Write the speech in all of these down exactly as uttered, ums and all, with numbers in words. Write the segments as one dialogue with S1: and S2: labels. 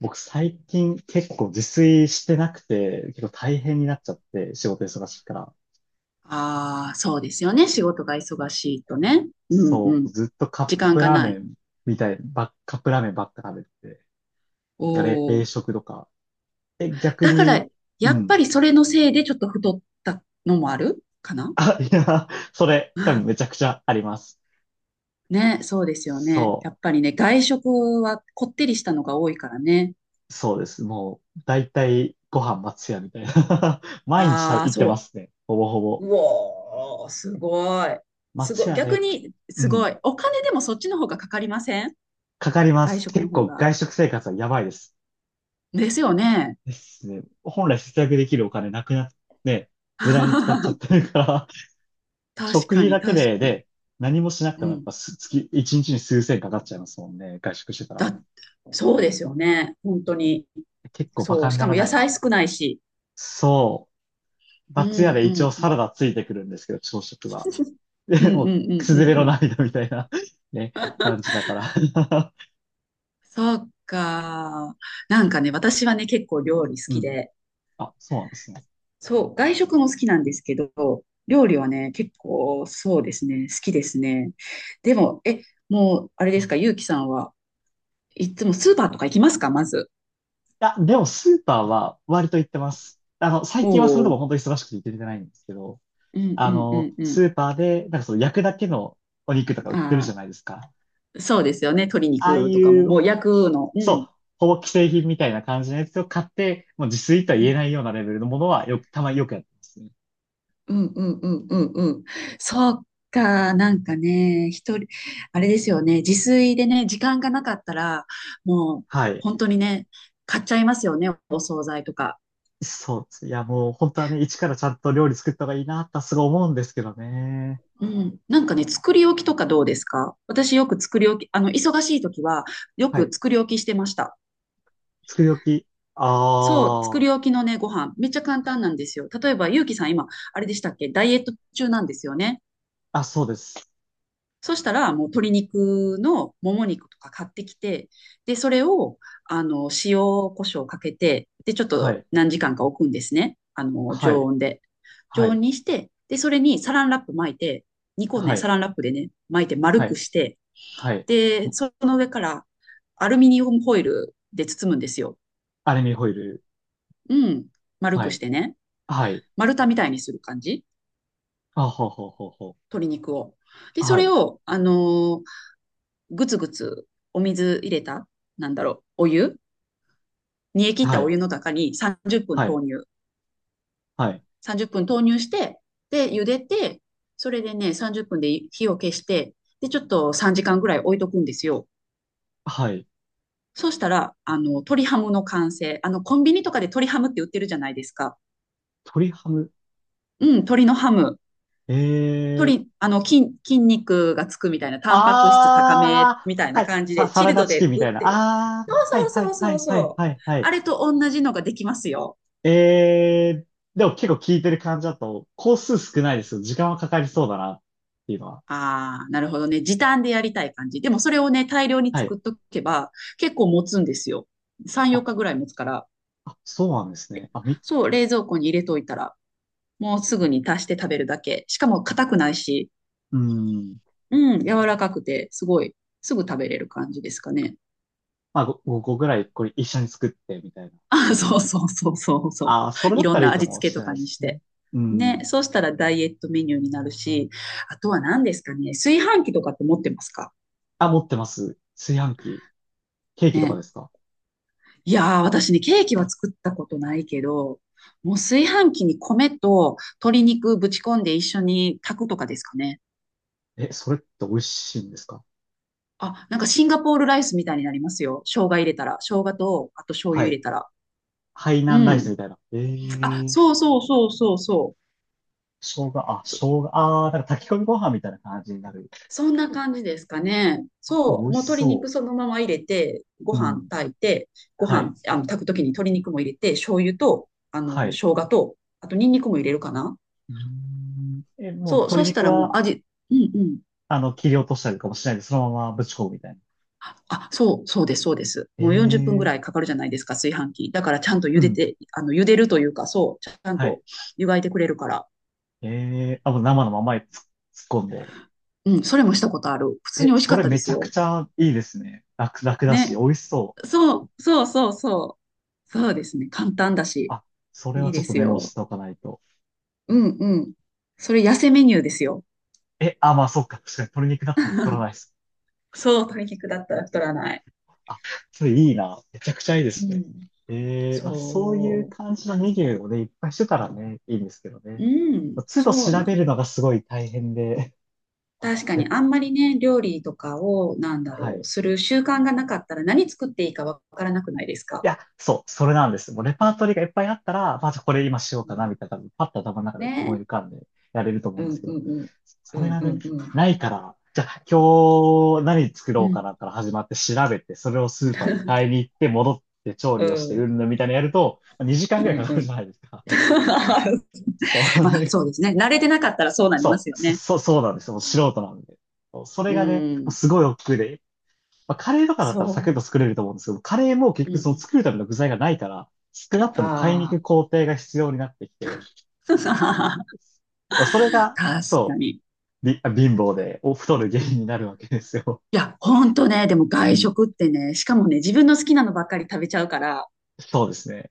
S1: 僕最近結構自炊してなくて、結構大変になっちゃって、仕事忙しいから。
S2: ああ、そうですよね。仕事が忙しいとね。うんう
S1: そう、
S2: ん。
S1: ずっとカ
S2: 時
S1: ッ
S2: 間
S1: プ
S2: が
S1: ラー
S2: な
S1: メ
S2: い。
S1: ンみたい、ば、カップラーメンばっか食べてて、
S2: お
S1: あれ、冷
S2: お。
S1: 食とか。え、逆
S2: だから、
S1: に、う
S2: やっぱ
S1: ん。
S2: りそれのせいでちょっと太ったのもあるかな。
S1: あ、いや、それ、
S2: う
S1: 多分
S2: ん。
S1: めちゃくちゃあります。
S2: ね、そうですよね。
S1: そ
S2: やっぱりね、外食はこってりしたのが多いからね。
S1: う、そうです。もう、だいたいご飯松屋みたいな。毎日食
S2: ああ、
S1: べ、行ってま
S2: そ
S1: すね。ほぼほ
S2: う。
S1: ぼ。
S2: うおー、すごい。す
S1: 松
S2: ごい。
S1: 屋
S2: 逆
S1: で、ふ
S2: に、
S1: う
S2: すご
S1: ん。
S2: い。お金でもそっちの方がかかりません？
S1: かかりま
S2: 外
S1: す。
S2: 食の
S1: 結
S2: 方
S1: 構
S2: が。
S1: 外食生活はやばいです。
S2: ですよね。
S1: ですね。本来節約できるお金なくなって、無駄に使っち ゃってるから、
S2: 確
S1: 食
S2: か
S1: 費
S2: に、
S1: だけ
S2: 確
S1: で、
S2: かに。
S1: で、何もしなくて
S2: う
S1: もやっ
S2: ん。
S1: ぱす月、一日に数千かかっちゃいますもんね。外食してたら。
S2: だ、そうですよね。本当に。
S1: 結構バ
S2: そ
S1: カ
S2: う。
S1: に
S2: し
S1: な
S2: か
S1: ら
S2: も野
S1: ないな。
S2: 菜少ないし。
S1: そう。
S2: うんう
S1: 松屋で一応
S2: んう
S1: サラ
S2: ん。
S1: ダついてくるんですけど、朝食は。
S2: うん
S1: で、
S2: う
S1: もう、
S2: んう
S1: く
S2: ん
S1: すず
S2: う
S1: れ
S2: んう
S1: の
S2: ん。
S1: 涙みたいな ね、感じだから。
S2: そうか。なんかね、私はね、結構料理 好
S1: う
S2: き
S1: ん。
S2: で、
S1: あ、そうなんですね。
S2: そう、外食も好きなんですけど、料理はね、結構そうですね、好きですね。でも、え、もう、あれ
S1: う
S2: です
S1: ん。
S2: か、ゆうきさんはいつもスーパーとか行きますか、まず。
S1: あ、でもスーパーは割と行ってます。あの、
S2: お
S1: 最近はそれでも
S2: お。
S1: 本当に忙しくて行けてないんですけど、
S2: うんう
S1: あ
S2: ん
S1: の、
S2: うんう
S1: スーパーで、なんかその焼くだけのお肉とか売
S2: ん。
S1: ってるじ
S2: あ
S1: ゃないですか。
S2: あ、そうですよね、鶏
S1: ああ
S2: 肉と
S1: い
S2: かも、
S1: う、
S2: もう焼くの。う
S1: そ
S2: ん。
S1: う、ほぼ既製品みたいな感じのやつを買って、もう自炊とは言えないようなレベルのものはよく、たまによくやってますね。
S2: うんうんうんうんうん。そうか、なんかね、一人、あれですよね、自炊でね、時間がなかったら、もう
S1: はい。
S2: 本当にね、買っちゃいますよね、お惣菜とか。
S1: そうです。いや、もう本当はね、一からちゃんと料理作った方がいいなってすごい思うんですけどね。
S2: うん。なんかね、作り置きとかどうですか？私よく作り置き、あの、忙しい時はよ
S1: は
S2: く
S1: い。
S2: 作り置きしてました。
S1: 作り置き。
S2: そう、作
S1: あ
S2: り置きのね、ご飯、めっちゃ簡単なんですよ。例えば、ゆうきさん今、あれでしたっけ？ダイエット中なんですよね。
S1: あ。あ、そうです。
S2: そしたら、もう鶏肉のもも肉とか買ってきて、で、それを、あの、塩、胡椒をかけて、で、ちょっ
S1: は
S2: と
S1: い。
S2: 何時間か置くんですね。あの、
S1: は
S2: 常
S1: い。
S2: 温で。
S1: は
S2: 常温
S1: い。
S2: にして、で、それにサランラップ巻いて、にこ
S1: は
S2: ね、サ
S1: い。
S2: ランラップでね、巻いて丸
S1: は
S2: く
S1: い。
S2: して、
S1: はい。
S2: で、その上からアルミニウムホイルで包むんですよ。
S1: アルミホイル。
S2: うん。丸
S1: は
S2: くし
S1: い。
S2: てね。
S1: はい。
S2: 丸太みたいにする感じ。
S1: あ、ほうほうほうほう。
S2: 鶏肉を。で、そ
S1: は
S2: れ
S1: い。
S2: を、あのーぐつぐつお水入れた、なんだろう、お湯、煮え切っ
S1: は
S2: たお
S1: い、
S2: 湯の中にさんじゅっぷん
S1: は
S2: 投
S1: い、
S2: 入。
S1: はい、
S2: さんじゅっぷん投入して、で、茹でて、それでね、さんじゅっぷんで火を消して、で、ちょっとさんじかんぐらい置いとくんですよ。
S1: はい。
S2: そうしたら、あの、鶏ハムの完成。あの、コンビニとかで鶏ハムって売ってるじゃないですか。
S1: 鶏ハム。
S2: うん、鶏のハム。
S1: ええー。
S2: 鶏、あの、筋、筋肉がつくみたいな、タンパク質高め
S1: あ
S2: みたい
S1: あ、は
S2: な
S1: い、
S2: 感じ
S1: さ、
S2: で、
S1: サ
S2: チ
S1: ラ
S2: ル
S1: ダ
S2: ド
S1: チキン
S2: で
S1: み
S2: 売
S1: た
S2: っ
S1: いな。
S2: てる。
S1: あ
S2: そ
S1: あ、はい、
S2: う
S1: は
S2: そうそ
S1: い、
S2: う
S1: は
S2: そう
S1: い、はい、
S2: そ
S1: は
S2: う。
S1: い、は
S2: あ
S1: い。
S2: れと同じのができますよ。
S1: ええー。でも結構効いてる感じだと、工数少ないですよ。時間はかかりそうだな、っていうのは。
S2: ああ、なるほどね。時短でやりたい感じ。でもそれをね、大量に
S1: はい。
S2: 作っとけば結構持つんですよ。さん、4
S1: あ、
S2: 日ぐらい持つから。
S1: あ、そうなんです
S2: れ
S1: ね。あ、み、
S2: そう、冷蔵庫に入れといたら、もうすぐ
S1: あ、
S2: に足して食べるだけ。しかも硬くないし、
S1: うーん。
S2: うん、柔らかくて、すごい、すぐ食べれる感じですかね。
S1: まあ、ご、個ぐらい、これ一緒に作って、みたいな。
S2: あ、そうそうそうそうそう。
S1: ああ、それだ
S2: い
S1: っ
S2: ろ
S1: た
S2: ん
S1: らい
S2: な
S1: いか
S2: 味
S1: も
S2: 付け
S1: し
S2: と
S1: れない
S2: か
S1: で
S2: に
S1: す
S2: し
S1: ね。
S2: て。
S1: う
S2: ね、
S1: ん。
S2: そうしたらダイエットメニューになるし、あとは何ですかね。炊飯器とかって持ってますか
S1: あ、持ってます。炊飯器。ケーキとかで
S2: ね。
S1: すか？
S2: いやー、私ね、ケーキは作ったことないけど、もう炊飯器に米と鶏肉ぶち込んで一緒に炊くとかですかね。
S1: え、それって美味しいんですか？
S2: あ、なんかシンガポールライスみたいになりますよ。生姜入れたら。生姜と、あと醤
S1: は
S2: 油入
S1: い。
S2: れたら。
S1: ハイ
S2: う
S1: 南ライス
S2: ん。
S1: みたいな。え
S2: あ、
S1: ー、
S2: そうそうそうそうそう。
S1: 生姜、あ、生
S2: そ、
S1: 姜、あー、なんか炊き込みご飯みたいな感じになる。
S2: そんな感じですかね。
S1: あ、美
S2: そう。
S1: 味
S2: もう
S1: し
S2: 鶏肉
S1: そ
S2: そのまま入れて、ご
S1: う。う
S2: 飯
S1: ん。
S2: 炊いて、ご
S1: は
S2: 飯、
S1: い。
S2: あの、炊くときに鶏肉も入れて、醤油と、あ
S1: は
S2: の、生
S1: い。
S2: 姜と、あとニンニクも入れるかな。
S1: うーん。え、もう
S2: そう。
S1: 鶏
S2: そした
S1: 肉
S2: らも
S1: は、
S2: う味、うんうん。
S1: あの、切り落としたりとかもしないで、そのままぶち込むみたいな。
S2: あ、そう、そうです、そうです。
S1: え
S2: もうよんじゅっぷんぐ
S1: ー、
S2: らいかかるじゃないですか、炊飯器。だからちゃんと
S1: う
S2: 茹で
S1: ん。
S2: て、あの、茹でるというか、そう、ちゃん
S1: はい。
S2: と湯がいてくれるから。
S1: えー、あ、もう生のままにつ突っ込んで。
S2: うん、それもしたことある。普通に
S1: え、
S2: 美味し
S1: そ
S2: かっ
S1: れ
S2: たで
S1: めち
S2: す
S1: ゃく
S2: よ。
S1: ちゃいいですね。楽、楽だし、
S2: ね。
S1: 美味しそう。
S2: そう、そうそうそう。そうですね。簡単だし、
S1: あ、それ
S2: いい
S1: はちょ
S2: で
S1: っと
S2: す
S1: メモし
S2: よ。
S1: ておかないと。
S2: うんうん。それ痩せメニューですよ。
S1: え、あ、まあ、そっか。確かに鶏肉だったら太ら ないです。
S2: そう、対極だったら太らない。
S1: あ、それいいな。めちゃくちゃいいで
S2: う
S1: すね。
S2: ん。
S1: えー、まあ、そういう
S2: そ
S1: 感じのメニューをね、いっぱいしてたらね、いいんですけど
S2: う。
S1: ね。
S2: うん、
S1: 都度
S2: そう
S1: 調
S2: な
S1: べ
S2: ん
S1: るのがすごい大変で、
S2: 確かにあ んまりね、料理とかを、なんだ
S1: は
S2: ろう、
S1: い。
S2: する習慣がなかったら何作っていいかわからなくないです
S1: い
S2: か？
S1: や、そう、それなんです。もうレパートリーがいっぱいあったら、まあ、じゃあこれ今しよう
S2: う
S1: かな、
S2: ん、
S1: みたいな、多分パッと頭の中で思い
S2: ね
S1: 浮かんでやれると思う
S2: え。う
S1: んです
S2: ん
S1: け
S2: う
S1: ど、
S2: んうん。
S1: そ
S2: う
S1: れ
S2: ん
S1: が
S2: う
S1: ね、
S2: んうん。
S1: ないから、じゃあ今日何作ろ
S2: う
S1: うか
S2: ん。
S1: なから始まって調べて、それをスーパーに買いに行って戻って調
S2: う
S1: 理をして、う
S2: ん
S1: んぬんみたいなのやると、にじかん
S2: う
S1: ぐらいか
S2: ん
S1: か
S2: う
S1: るじ
S2: ん。
S1: ゃないですか。そ
S2: まあ、
S1: れ、
S2: そうですね。慣れてなかったらそうなりま
S1: そ
S2: すよ
S1: う、そ、
S2: ね。
S1: そそうなんですよ。もう素人なんで。そうそれ
S2: うん。
S1: がね、
S2: う
S1: もう
S2: ん
S1: すごい億劫で、まあ、カレーとかだったらサクッ
S2: そ
S1: と作れると思うんですけど、カレーも結
S2: う。うん
S1: 局
S2: う
S1: その
S2: ん。
S1: 作るための具材がないから、少なくとも買いに行
S2: あ
S1: く
S2: あ。
S1: 工程が必要になってきて、それ が、
S2: 確か
S1: そ
S2: に。
S1: う、び貧乏でお太る原因になるわけですよ。
S2: いや、ほんとね、でも
S1: う
S2: 外
S1: ん。
S2: 食ってね、しかもね、自分の好きなのばっかり食べちゃうから、
S1: そうですね。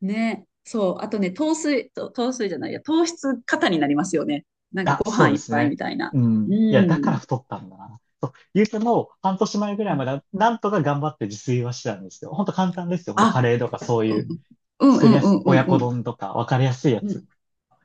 S2: ね。そう。あとね、糖水、と糖水じゃないや、糖質過多になりますよね。なん
S1: い
S2: か
S1: や、
S2: ご
S1: そう
S2: 飯
S1: で
S2: いっ
S1: す
S2: ぱいみ
S1: ね。
S2: たいな。
S1: う
S2: う
S1: ん。いや、だから
S2: ん。
S1: 太ったんだな。そう、ゆうても半年前ぐらいまではなんとか頑張って自炊はしてたんですよ。ほんと簡単ですよ。ほんとカ
S2: あ、
S1: レーとかそう
S2: う
S1: いう
S2: ん、うん
S1: 作
S2: う
S1: りやす、
S2: んうん
S1: 親
S2: う
S1: 子
S2: んうん。
S1: 丼とか分かりやすいや
S2: う
S1: つ。
S2: ん、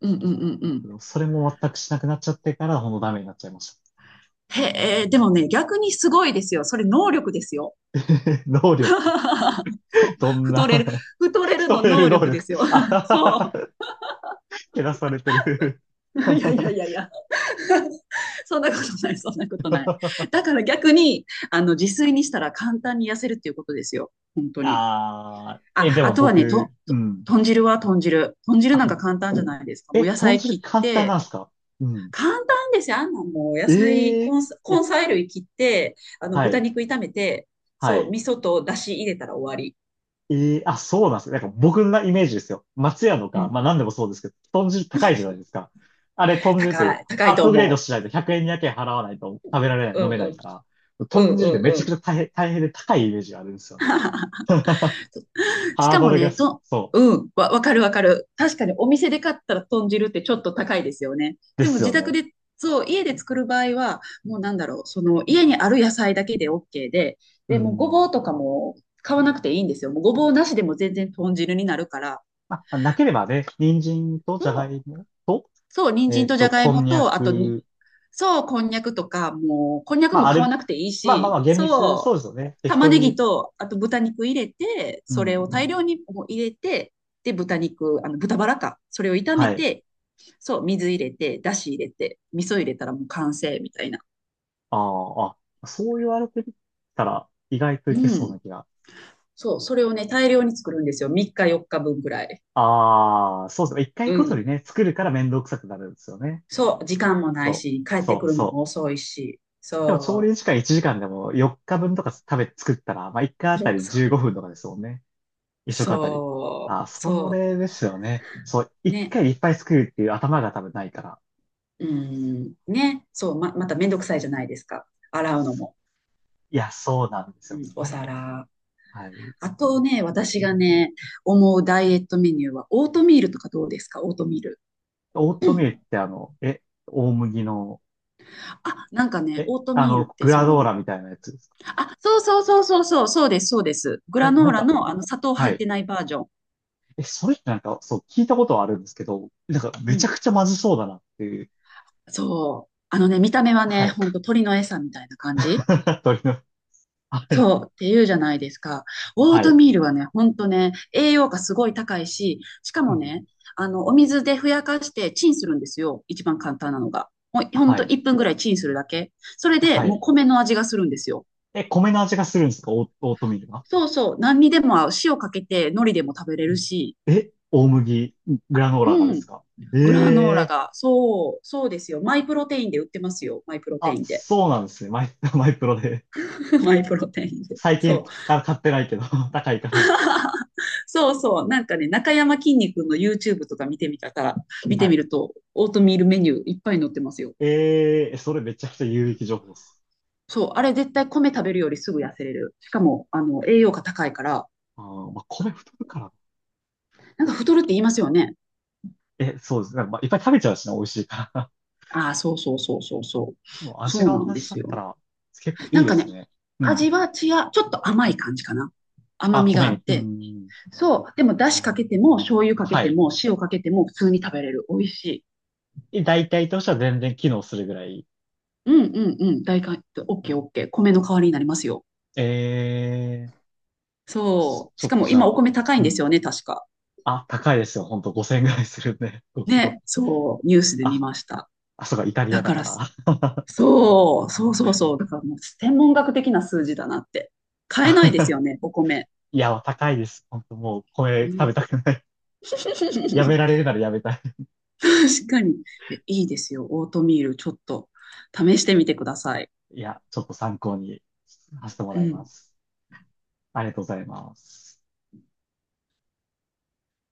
S2: うん、うん、うん、うん。
S1: それも全くしなくなっちゃってからほんとダメになっちゃいました。
S2: へえ、でもね、逆にすごいですよ。それ能力ですよ。
S1: 能力。
S2: そう。
S1: どん
S2: 太れる、
S1: な、
S2: 太 れ
S1: ス
S2: る
S1: ト
S2: の
S1: レる
S2: 能
S1: 能
S2: 力で
S1: 力。
S2: すよ。
S1: あ
S2: そ
S1: ー、けなされてる。
S2: う。いやいやい やいや。そんなことない、そんなことない。だから逆に、あの、自炊にしたら簡単に痩せるっていうことですよ。本当に。
S1: ああ、え、
S2: あ、
S1: で
S2: あ
S1: も
S2: とはね、
S1: 僕、
S2: と、
S1: う
S2: と
S1: ん。
S2: 豚汁は豚汁。豚汁なん
S1: あ、
S2: か簡単じゃないですか。も
S1: え、
S2: う野
S1: 豚
S2: 菜
S1: 汁
S2: 切っ
S1: 簡単な
S2: て、
S1: んですか？うん。
S2: 簡単ですよ。あんなもう野菜、
S1: ええ、
S2: 根菜
S1: いや、
S2: 根菜類切って、あの、
S1: は
S2: 豚
S1: い、
S2: 肉炒めて、
S1: は
S2: そう、
S1: い。
S2: 味噌と出汁入れたら終わり。
S1: ええ、あ、そうなんですよ。なんか僕のイメージですよ。松屋の
S2: う
S1: か、まあ
S2: ん。
S1: 何でもそうですけど、豚汁高いじゃないですか。あれ、豚汁っ
S2: 高
S1: て
S2: い、高
S1: ア
S2: い
S1: ッ
S2: と
S1: プグレード
S2: 思
S1: しないとひゃくえん、にれいけん払わないと食べられない、
S2: う。うん
S1: 飲めな
S2: う
S1: い
S2: ん。
S1: から、
S2: う
S1: 豚
S2: ん
S1: 汁って
S2: う
S1: めち
S2: んう
S1: ゃく
S2: ん。
S1: ちゃ大変、大変で高いイメージがあるんですよね。
S2: し
S1: ハー
S2: か
S1: ド
S2: も
S1: ルが
S2: ね、
S1: す、
S2: と、
S1: そう。
S2: うん、わ、わかるわかる。確かにお店で買ったら豚汁ってちょっと高いですよね。
S1: で
S2: でも
S1: す
S2: 自
S1: よ
S2: 宅
S1: ね。
S2: で、そう、家で作る場合は、もうなんだろう、その家にある野菜だけで オーケー で、
S1: う
S2: で、もうご
S1: ん。
S2: ぼうとかも買わなくていいんですよ。もうごぼうなしでも全然豚汁になるから。
S1: まあ、なければね、人参とじゃが
S2: そ
S1: い
S2: う、
S1: もと、
S2: そう、人
S1: え
S2: 参
S1: っ
S2: とじゃ
S1: と、
S2: がい
S1: こ
S2: も
S1: んにゃ
S2: と、あと、
S1: く。
S2: そう、こんにゃくとか、もう、こんにゃく
S1: まあ、
S2: も
S1: あ
S2: 買わ
S1: れ、
S2: なくていい
S1: まあまあま
S2: し、
S1: あ、厳密、そ
S2: そ
S1: う
S2: う
S1: ですよね。適
S2: 玉
S1: 当
S2: ねぎ
S1: に。
S2: と、あと豚肉入れて、
S1: う
S2: それを
S1: ん。
S2: 大量にもう入れて、で、豚肉、あの、豚バラか。それを炒め
S1: はい。
S2: て、そう、水入れて、だし入れて、味噌入れたらもう完成みたいな。
S1: あー、あ、そう言われてみたら、意外と
S2: う
S1: いけそう
S2: ん。
S1: な気が。
S2: そう、それをね、大量に作るんですよ。みっかよっかぶんぐらい。
S1: ああ、そうですね。一回
S2: う
S1: ごとに
S2: ん。
S1: ね、作るから面倒くさくなるんですよね。
S2: そう、時間もない
S1: そ
S2: し、帰
S1: う、
S2: って
S1: そ
S2: く
S1: う、
S2: るの
S1: そ
S2: も
S1: う。
S2: 遅いし。
S1: でも、調
S2: そ
S1: 理時間いちじかんでもよっかぶんとか食べ、作ったら、まあ、いっかいあ
S2: う。
S1: た
S2: うん
S1: り
S2: そう。
S1: じゅうごふんとかですもんね。一食あたり。
S2: そ
S1: あ、
S2: う。
S1: そ
S2: そ
S1: れですよね。そう、
S2: う。
S1: 一
S2: ね。
S1: 回でいっぱい作るっていう頭が多分ないから。
S2: うん。ね。そう、ま、まためんどくさいじゃないですか。洗うのも。
S1: いや、そうなんです
S2: う
S1: よ。
S2: ん、お
S1: はい。
S2: 皿。
S1: はい。
S2: あとね、私がね、思うダイエットメニューは、オートミールとかどうですか？オートミール。
S1: オー
S2: う
S1: トミールっ
S2: ん
S1: てあの、え、大麦の、
S2: あ、なんかね、
S1: え、
S2: オート
S1: あ
S2: ミール
S1: の、
S2: って
S1: グ
S2: そ
S1: ラドー
S2: の、
S1: ラみたいなやつですか？
S2: あ、そうそうそうそうそう、そうです、そうです。グラ
S1: え、
S2: ノ
S1: な
S2: ー
S1: ん
S2: ラ
S1: か、
S2: のあの砂糖
S1: は
S2: 入っ
S1: い。
S2: てないバージョン。
S1: え、それってなんか、そう、聞いたことはあるんですけど、なんか、
S2: う
S1: めちゃ
S2: ん。
S1: くちゃまずそうだなっていう。
S2: そう。あのね、見た目は
S1: は
S2: ね、
S1: い。
S2: ほんと鳥の餌みたいな感じ。
S1: 鳥の、はい。
S2: そう、っていうじゃないですか。オー
S1: は
S2: ト
S1: い。
S2: ミールはね、ほんとね、栄養価すごい高いし、しか
S1: う
S2: も
S1: ん。
S2: ね、あの、お水でふやかしてチンするんですよ。一番簡単なのが。ほんほん
S1: は
S2: と
S1: い。
S2: いっぷんぐらいチンするだけ。それで
S1: は
S2: もう
S1: い。
S2: 米の味がするんですよ。
S1: え、米の味がするんですか？オー、オートミールが。
S2: そうそう、何にでも合う。塩かけて海苔でも食べれるし。
S1: え、大麦、グラノーラがで
S2: う
S1: す
S2: ん。
S1: か？
S2: グラノーラ
S1: ええ、
S2: が、そう、そうですよ。マイプロテインで売ってますよ。マイプロテ
S1: あ、
S2: インで。
S1: そうなんですね。マイ、マイプロで。
S2: マイプロテインで。
S1: 最
S2: そ
S1: 近
S2: う。
S1: から買ってないけど、高いから。
S2: そうそう、なんかね、中山きんに君の ユーチューブ とか見てみたら、見て
S1: は
S2: み
S1: い。
S2: ると、オートミールメニューいっぱい載ってますよ。
S1: ええ、それめちゃくちゃ有益情報です。
S2: そう、あれ絶対米食べるよりすぐ痩せれる。しかも、あの、栄養価高いから、
S1: あー、まあ、米太るから。
S2: なんか太るって言いますよね。
S1: え、そうですね。まあ、いっぱい食べちゃうしな、美味しいから。
S2: ああ、そうそうそうそうそ
S1: でも
S2: う。
S1: 味
S2: そう
S1: が
S2: なん
S1: 同
S2: で
S1: じだ
S2: す
S1: った
S2: よ。
S1: ら、結構い
S2: な
S1: い
S2: ん
S1: で
S2: か
S1: す
S2: ね、
S1: ね。うん。
S2: 味は違う、ちょっと甘い感じかな。甘
S1: あ、
S2: みが
S1: 米
S2: あっ
S1: に。う
S2: て。
S1: ん。
S2: そう、でも、だしかけても、醤油かけ
S1: は
S2: て
S1: い。
S2: も、塩かけても、普通に食べれる。美味しい。
S1: え、大体としては全然機能するぐらい。
S2: うんうんうん、大体、オッケーオッケー。米の代わりになりますよ。
S1: ええ、
S2: そう。
S1: ちょ
S2: し
S1: っ
S2: か
S1: と
S2: も
S1: じゃ
S2: 今お
S1: あ、
S2: 米高い
S1: う
S2: んです
S1: ん。
S2: よね、確か。
S1: あ、高いですよ。ほんとごせんえんぐらいするんで、ごキロ。
S2: ね。そう。ニュースで見
S1: あ、
S2: ました。
S1: あ、そうか、イタリ
S2: だ
S1: アだ
S2: か
S1: か
S2: ら
S1: ら。
S2: そうそうそうそう。だからもう天文学的な数字だなって。買えないです よね、お米。
S1: いや、高いです。ほんともう、これ
S2: う
S1: 食べ
S2: ん。
S1: たくない。やめ られるならやめたい。
S2: 確かに。えいいですよ。オートミール、ちょっと試してみてください。
S1: いや、ちょっと参考にさせても
S2: う
S1: らいま
S2: ん。
S1: す。ありがとうございます。